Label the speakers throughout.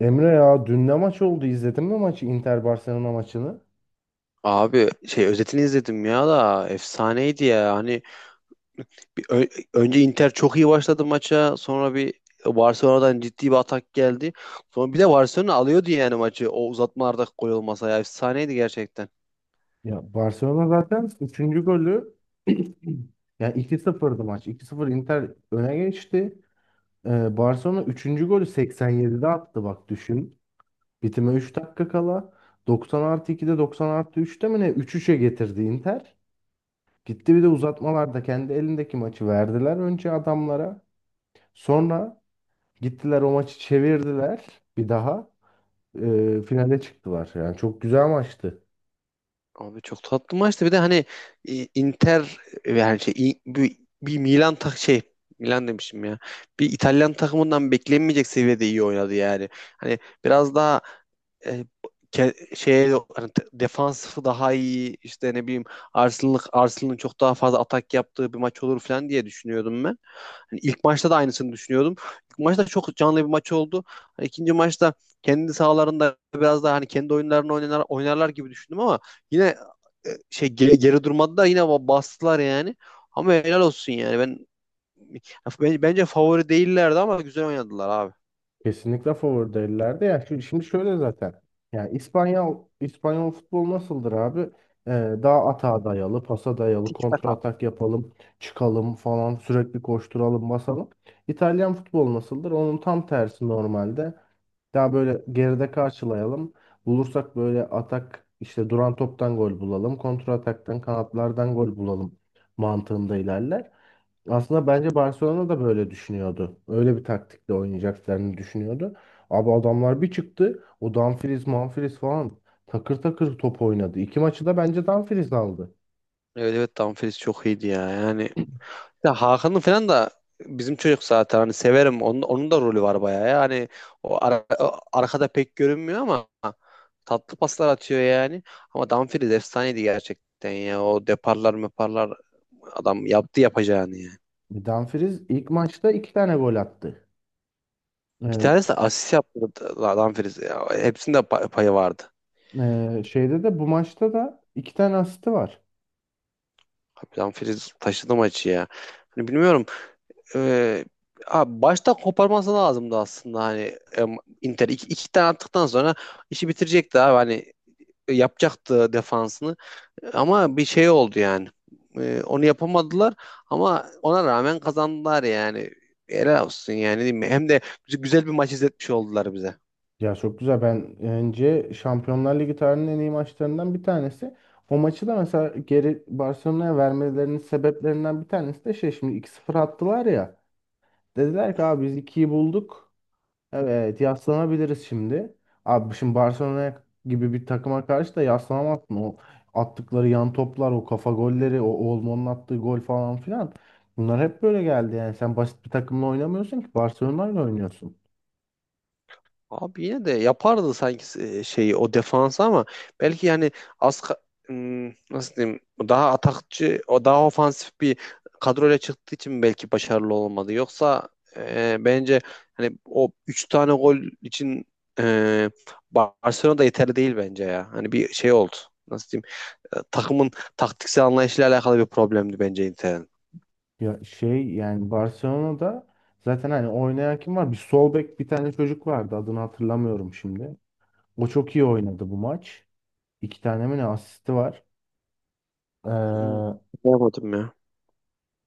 Speaker 1: Emre ya dün ne maç oldu? İzledin mi maçı? Inter Barcelona maçını?
Speaker 2: Abi şey özetini izledim ya da efsaneydi ya. Hani bir ö- önce Inter çok iyi başladı maça. Sonra bir Barcelona'dan ciddi bir atak geldi. Sonra bir de Barcelona alıyordu yani maçı. O uzatmalarda gol olmasa ya efsaneydi gerçekten.
Speaker 1: Ya Barcelona zaten üçüncü golü ya iki sıfır'dı maç. 2-0 Inter öne geçti. Barcelona üçüncü golü 87'de attı bak düşün. Bitime 3 dakika kala. 90 artı 2'de 90 artı 3'te mi ne? 3-3'e getirdi Inter. Gitti bir de uzatmalarda kendi elindeki maçı verdiler önce adamlara. Sonra gittiler o maçı çevirdiler bir daha. Finale çıktılar. Yani çok güzel maçtı.
Speaker 2: Abi çok tatlı maçtı. Bir de hani Inter yani şey bir Milan tak şey Milan demişim ya. Bir İtalyan takımından beklenmeyecek seviyede iyi oynadı yani. Hani biraz daha e, şeye hani defansı daha iyi işte ne bileyim Arsenal'ın çok daha fazla atak yaptığı bir maç olur falan diye düşünüyordum ben. Hani ilk maçta da aynısını düşünüyordum. İlk maçta çok canlı bir maç oldu. Hani ikinci maçta kendi sahalarında biraz daha hani kendi oyunlarını oynar, oynarlar gibi düşündüm ama yine şey geri durmadılar yine bastılar yani. Ama helal olsun yani. Bence favori değillerdi ama güzel oynadılar abi.
Speaker 1: Kesinlikle favori değillerdi. Ya şimdi şöyle zaten. Yani İspanyol futbol nasıldır abi? Ee, daha atağa dayalı, pasa dayalı,
Speaker 2: Tiki taka.
Speaker 1: kontratak yapalım, çıkalım falan, sürekli koşturalım, basalım. İtalyan futbol nasıldır? Onun tam tersi normalde. Daha böyle geride karşılayalım. Bulursak böyle atak işte duran toptan gol bulalım, kontra ataktan kanatlardan gol bulalım mantığında ilerler. Aslında bence Barcelona da böyle düşünüyordu. Öyle bir taktikle oynayacaklarını düşünüyordu. Abi adamlar bir çıktı. O Dumfries, Manfries falan takır takır top oynadı. İki maçı da bence Dumfries aldı.
Speaker 2: Evet evet, Dumfries çok iyiydi ya. Yani ya Hakan'ın falan da bizim çocuk zaten hani severim. Onun da rolü var bayağı. Yani o arkada pek görünmüyor ama tatlı paslar atıyor yani. Ama Dumfries efsaneydi gerçekten ya. O deparlar meparlar adam yaptı yapacağını yani.
Speaker 1: Dumfries ilk maçta iki tane gol attı.
Speaker 2: Bir
Speaker 1: Ee,
Speaker 2: tanesi de asist yaptı Dumfries. Ya, hepsinde payı vardı.
Speaker 1: şeyde de bu maçta da iki tane asisti var.
Speaker 2: Abi Dumfries taşıdı maçı ya. Hani bilmiyorum. Ee, Abi başta koparması lazımdı aslında hani Inter iki tane attıktan sonra işi bitirecekti abi hani yapacaktı defansını ama bir şey oldu yani. Onu yapamadılar ama ona rağmen kazandılar yani. Helal olsun yani, değil mi? Hem de güzel bir maç izletmiş oldular bize.
Speaker 1: Ya çok güzel. Ben önce Şampiyonlar Ligi tarihinin en iyi maçlarından bir tanesi. O maçı da mesela geri Barcelona'ya vermelerinin sebeplerinden bir tanesi de şey şimdi 2-0 attılar ya. Dediler ki abi biz ikiyi bulduk. Evet yaslanabiliriz şimdi. Abi şimdi Barcelona gibi bir takıma karşı da yaslanamazsın. O attıkları yan toplar, o kafa golleri, o Olmo'nun attığı gol falan filan. Bunlar hep böyle geldi yani. Sen basit bir takımla oynamıyorsun ki Barcelona'yla oynuyorsun.
Speaker 2: Abi yine de yapardı sanki şeyi o defansı ama belki yani az ka- hmm, nasıl diyeyim, daha atakçı o daha ofansif bir kadroyla çıktığı için belki başarılı olmadı. Yoksa bence hani o 3 tane gol için e, Barcelona da yeterli değil bence ya. Hani bir şey oldu. Nasıl diyeyim, takımın taktiksel anlayışıyla alakalı bir problemdi bence Inter'in.
Speaker 1: Ya şey yani Barcelona'da zaten hani oynayan kim var? Bir sol bek bir tane çocuk vardı. Adını hatırlamıyorum şimdi. O çok iyi oynadı bu maç. İki tane mi ne asisti var.
Speaker 2: Hmm,
Speaker 1: Ee,
Speaker 2: Yapamadım ya.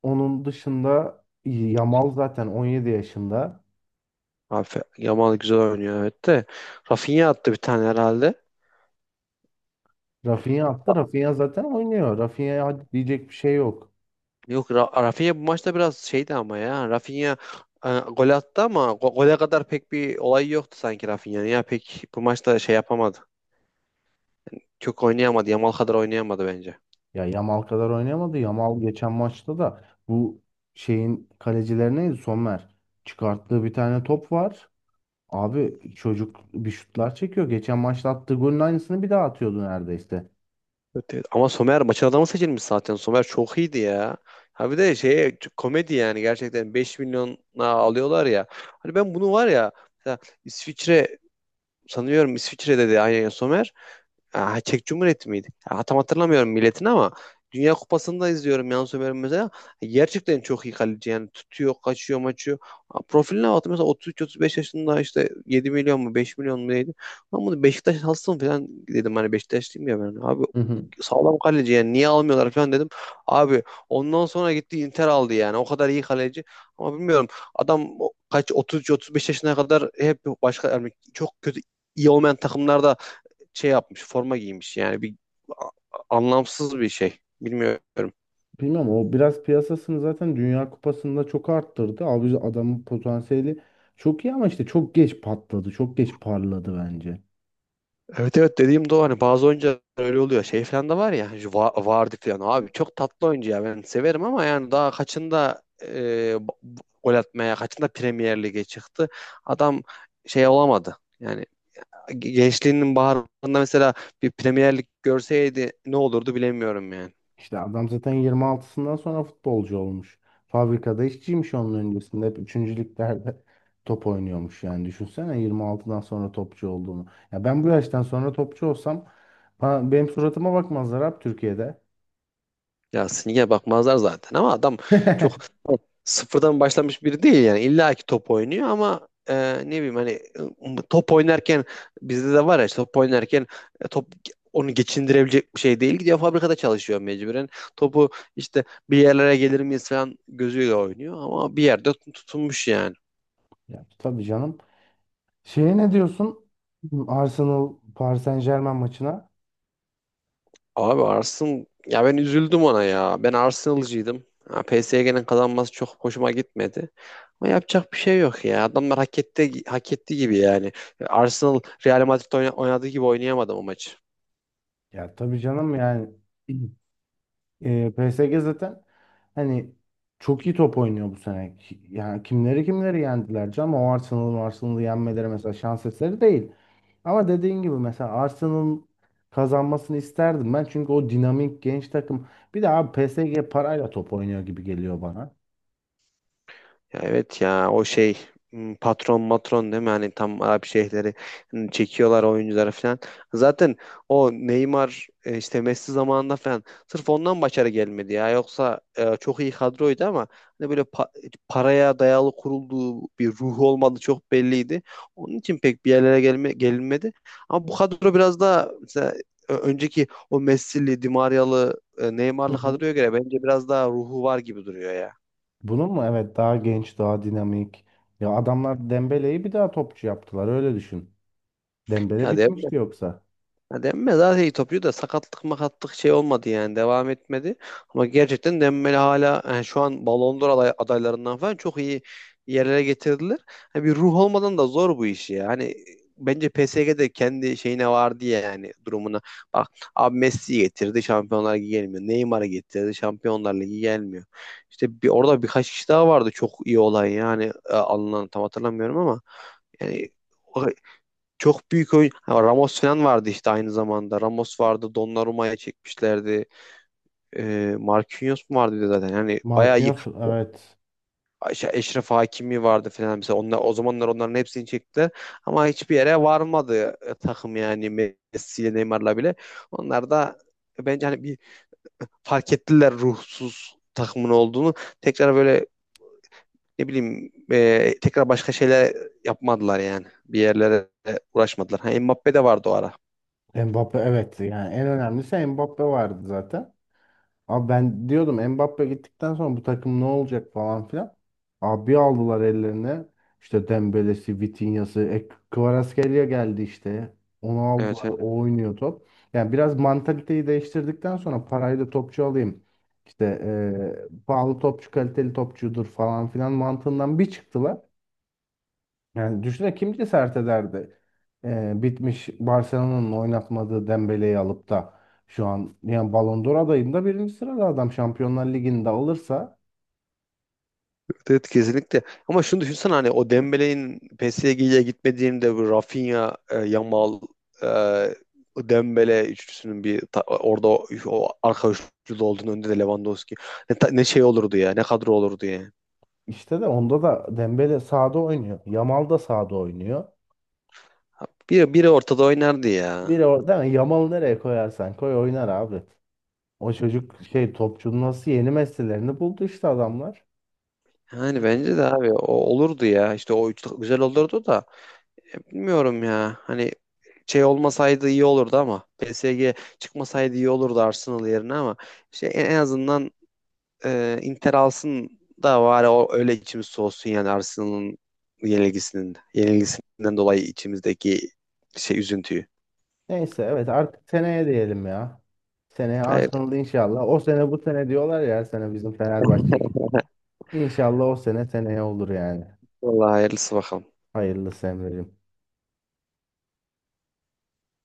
Speaker 1: Onun dışında Yamal zaten 17 yaşında.
Speaker 2: Abi Yamal güzel oynuyor evet de. Rafinha attı bir tane herhalde.
Speaker 1: Rafinha attı. Rafinha zaten oynuyor. Rafinha'ya hadi diyecek bir şey yok.
Speaker 2: Yok, Rafinha bu maçta biraz şeydi ama ya. Rafinha gol attı ama gole kadar pek bir olay yoktu sanki Rafinha'nın. Ya pek bu maçta şey yapamadı. Çok oynayamadı. Yamal kadar oynayamadı bence.
Speaker 1: Ya Yamal kadar oynayamadı. Yamal geçen maçta da bu şeyin kalecilerine Sommer çıkarttığı bir tane top var. Abi çocuk bir şutlar çekiyor. Geçen maçta attığı golün aynısını bir daha atıyordu neredeyse.
Speaker 2: Evet, evet. Ama Somer maçın adamı seçilmiş zaten. Somer çok iyiydi ya. Ha, bir de şey komedi yani, gerçekten 5 milyona alıyorlar ya. Hani ben bunu var ya, mesela İsviçre, sanıyorum İsviçre'de de aynen Somer. Aa, Çek Cumhuriyeti miydi? Ya, tam hatırlamıyorum milletini ama Dünya Kupası'nda izliyorum Yann Sommer'i mesela. Gerçekten çok iyi kaleci yani, tutuyor, kaçıyor, maçıyor. Aa, profiline baktım mesela, 33-35 yaşında işte, 7 milyon mu 5 milyon mu neydi? Lan bunu Beşiktaş alsın falan dedim, hani Beşiktaşlıyım ya ben. Abi sağlam kaleci yani, niye almıyorlar falan dedim. Abi ondan sonra gitti Inter aldı yani, o kadar iyi kaleci. Ama bilmiyorum, adam kaç 33-35 yaşına kadar hep başka yani çok kötü, iyi olmayan takımlarda şey yapmış, forma giymiş. Yani bir anlamsız bir şey. Bilmiyorum.
Speaker 1: Bilmem o biraz piyasasını zaten Dünya Kupası'nda çok arttırdı. Abi adamın potansiyeli çok iyi ama işte çok geç patladı. Çok geç parladı bence.
Speaker 2: Evet evet, dediğim de o, hani bazı oyuncular öyle oluyor. Şey falan da var ya, Vardy falan, abi çok tatlı oyuncu ya, ben severim ama yani daha kaçında gol atmaya, kaçında Premier Lig'e çıktı. Adam şey olamadı. Yani gençliğinin baharında mesela bir Premier Lig görseydi ne olurdu bilemiyorum yani.
Speaker 1: İşte adam zaten 26'sından sonra futbolcu olmuş. Fabrikada işçiymiş onun öncesinde. Hep 3. liglerde top oynuyormuş yani. Düşünsene 26'dan sonra topçu olduğunu. Ya ben bu yaştan sonra topçu olsam benim suratıma bakmazlar abi Türkiye'de.
Speaker 2: Ya Sinige bakmazlar zaten ama adam çok sıfırdan başlamış biri değil yani. İlla ki top oynuyor ama ne bileyim hani top oynarken, bizde de var ya işte, top oynarken top onu geçindirebilecek bir şey değil. Gidiyor fabrikada çalışıyor mecburen. Topu işte bir yerlere gelir miyiz falan gözüyle oynuyor ama bir yerde tutunmuş yani.
Speaker 1: Ya, tabii canım. Şeye ne diyorsun? Arsenal Paris Saint-Germain maçına.
Speaker 2: Abi Arslan, ya ben üzüldüm ona ya. Ben Arsenal'cıydım. Ha, PSG'nin kazanması çok hoşuma gitmedi. Ama yapacak bir şey yok ya. Adamlar hak etti, hak etti gibi yani. Arsenal, Real Madrid oynadığı gibi oynayamadı o maçı.
Speaker 1: Ya tabii canım yani PSG zaten hani çok iyi top oynuyor bu sene. Yani kimleri kimleri yendiler canım. O Arsenal'ı yenmeleri mesela şans eseri değil. Ama dediğin gibi mesela Arsenal'ın kazanmasını isterdim ben. Çünkü o dinamik genç takım. Bir de abi PSG parayla top oynuyor gibi geliyor bana.
Speaker 2: Ya evet ya, o şey patron matron, değil mi? Hani tam Arap şeyhleri çekiyorlar oyuncuları falan. Zaten o Neymar işte Messi zamanında falan sırf ondan başarı gelmedi ya. Yoksa çok iyi kadroydu ama hani böyle paraya dayalı kurulduğu, bir ruhu olmadığı çok belliydi. Onun için pek bir yerlere gelme gelinmedi. Ama bu kadro biraz daha, mesela önceki o Messi'li, Di Maria'lı,
Speaker 1: Hı
Speaker 2: Neymar'lı
Speaker 1: hı.
Speaker 2: kadroya göre bence biraz daha ruhu var gibi duruyor ya.
Speaker 1: Bunun mu? Evet daha genç, daha dinamik. Ya adamlar Dembele'yi bir daha topçu yaptılar öyle düşün. Dembele
Speaker 2: Ya de
Speaker 1: bitmişti yoksa.
Speaker 2: Ya Dembele zaten iyi topçu da sakatlık makatlık şey olmadı yani, devam etmedi. Ama gerçekten Dembele hala yani şu an Ballon d'Or adaylarından falan çok iyi yerlere getirdiler. Hani bir ruh olmadan da zor bu işi ya. Hani bence PSG'de kendi şeyine var diye, yani durumuna. Bak abi, Messi'yi getirdi Şampiyonlar Ligi gelmiyor. Neymar'ı getirdi Şampiyonlar Ligi gelmiyor. İşte orada birkaç kişi daha vardı çok iyi olan yani, alınan, tam hatırlamıyorum ama yani çok büyük oyun. Ha, Ramos falan vardı işte aynı zamanda. Ramos vardı. Donnarumma'ya çekmişlerdi. Marquinhos mu vardı bir de zaten. Yani bayağı iyi.
Speaker 1: Marquinhos evet.
Speaker 2: Eşref Hakimi vardı falan. Mesela onlar, o zamanlar onların hepsini çektiler. Ama hiçbir yere varmadı takım yani, Messi ile Neymar'la bile. Onlar da bence hani bir fark ettiler ruhsuz takımın olduğunu. Tekrar böyle ne bileyim tekrar başka şeyler yapmadılar yani. Bir yerlere uğraşmadılar. Ha, Mbappe de vardı o ara.
Speaker 1: Mbappe evet yani en önemlisi Mbappe vardı zaten. Abi ben diyordum Mbappe gittikten sonra bu takım ne olacak falan filan. Abi aldılar ellerine işte Dembele'si, Vitinha'sı, Kvaratskhelia geldi işte. Onu aldılar,
Speaker 2: Evet evet.
Speaker 1: o oynuyor top. Yani biraz mantaliteyi değiştirdikten sonra parayı da topçu alayım. İşte pahalı topçu kaliteli topçudur falan filan mantığından bir çıktılar. Yani düşünsene kim cesaret ederdi? Bitmiş Barcelona'nın oynatmadığı Dembele'yi alıp da şu an yani Ballon d'Or adayında birinci sırada adam Şampiyonlar Ligi'nde alırsa
Speaker 2: Evet evet, kesinlikle. Ama şunu düşünsene, hani o Dembele'nin PSG'ye gitmediğinde, bu Rafinha, Yamal, e, Dembele üçlüsünün, orada o arka üçlü olduğunu, önde de Lewandowski. Ne şey olurdu ya, ne kadro olurdu ya.
Speaker 1: işte de onda da Dembele sağda oynuyor. Yamal da sağda oynuyor.
Speaker 2: Biri ortada oynardı ya.
Speaker 1: Biri orada Yamal'ı nereye koyarsan koy oynar abi. O çocuk şey topçunun nasıl yeni meslelerini buldu işte adamlar.
Speaker 2: Yani
Speaker 1: Evet.
Speaker 2: bence de abi o olurdu ya. İşte o üçlü güzel olurdu da bilmiyorum ya. Hani şey olmasaydı iyi olurdu ama PSG çıkmasaydı iyi olurdu Arsenal yerine, ama şey, en azından Inter alsın da var ya, o öyle içimiz soğusun yani Arsenal'ın yenilgisinden dolayı içimizdeki şey üzüntüyü.
Speaker 1: Neyse evet artık seneye diyelim ya. Seneye
Speaker 2: Hayır.
Speaker 1: Arsenal inşallah. O sene bu sene diyorlar ya her sene bizim Fenerbahçe. İnşallah o sene seneye olur yani.
Speaker 2: Vallahi hayırlısı bakalım.
Speaker 1: Hayırlısı Emre'cim.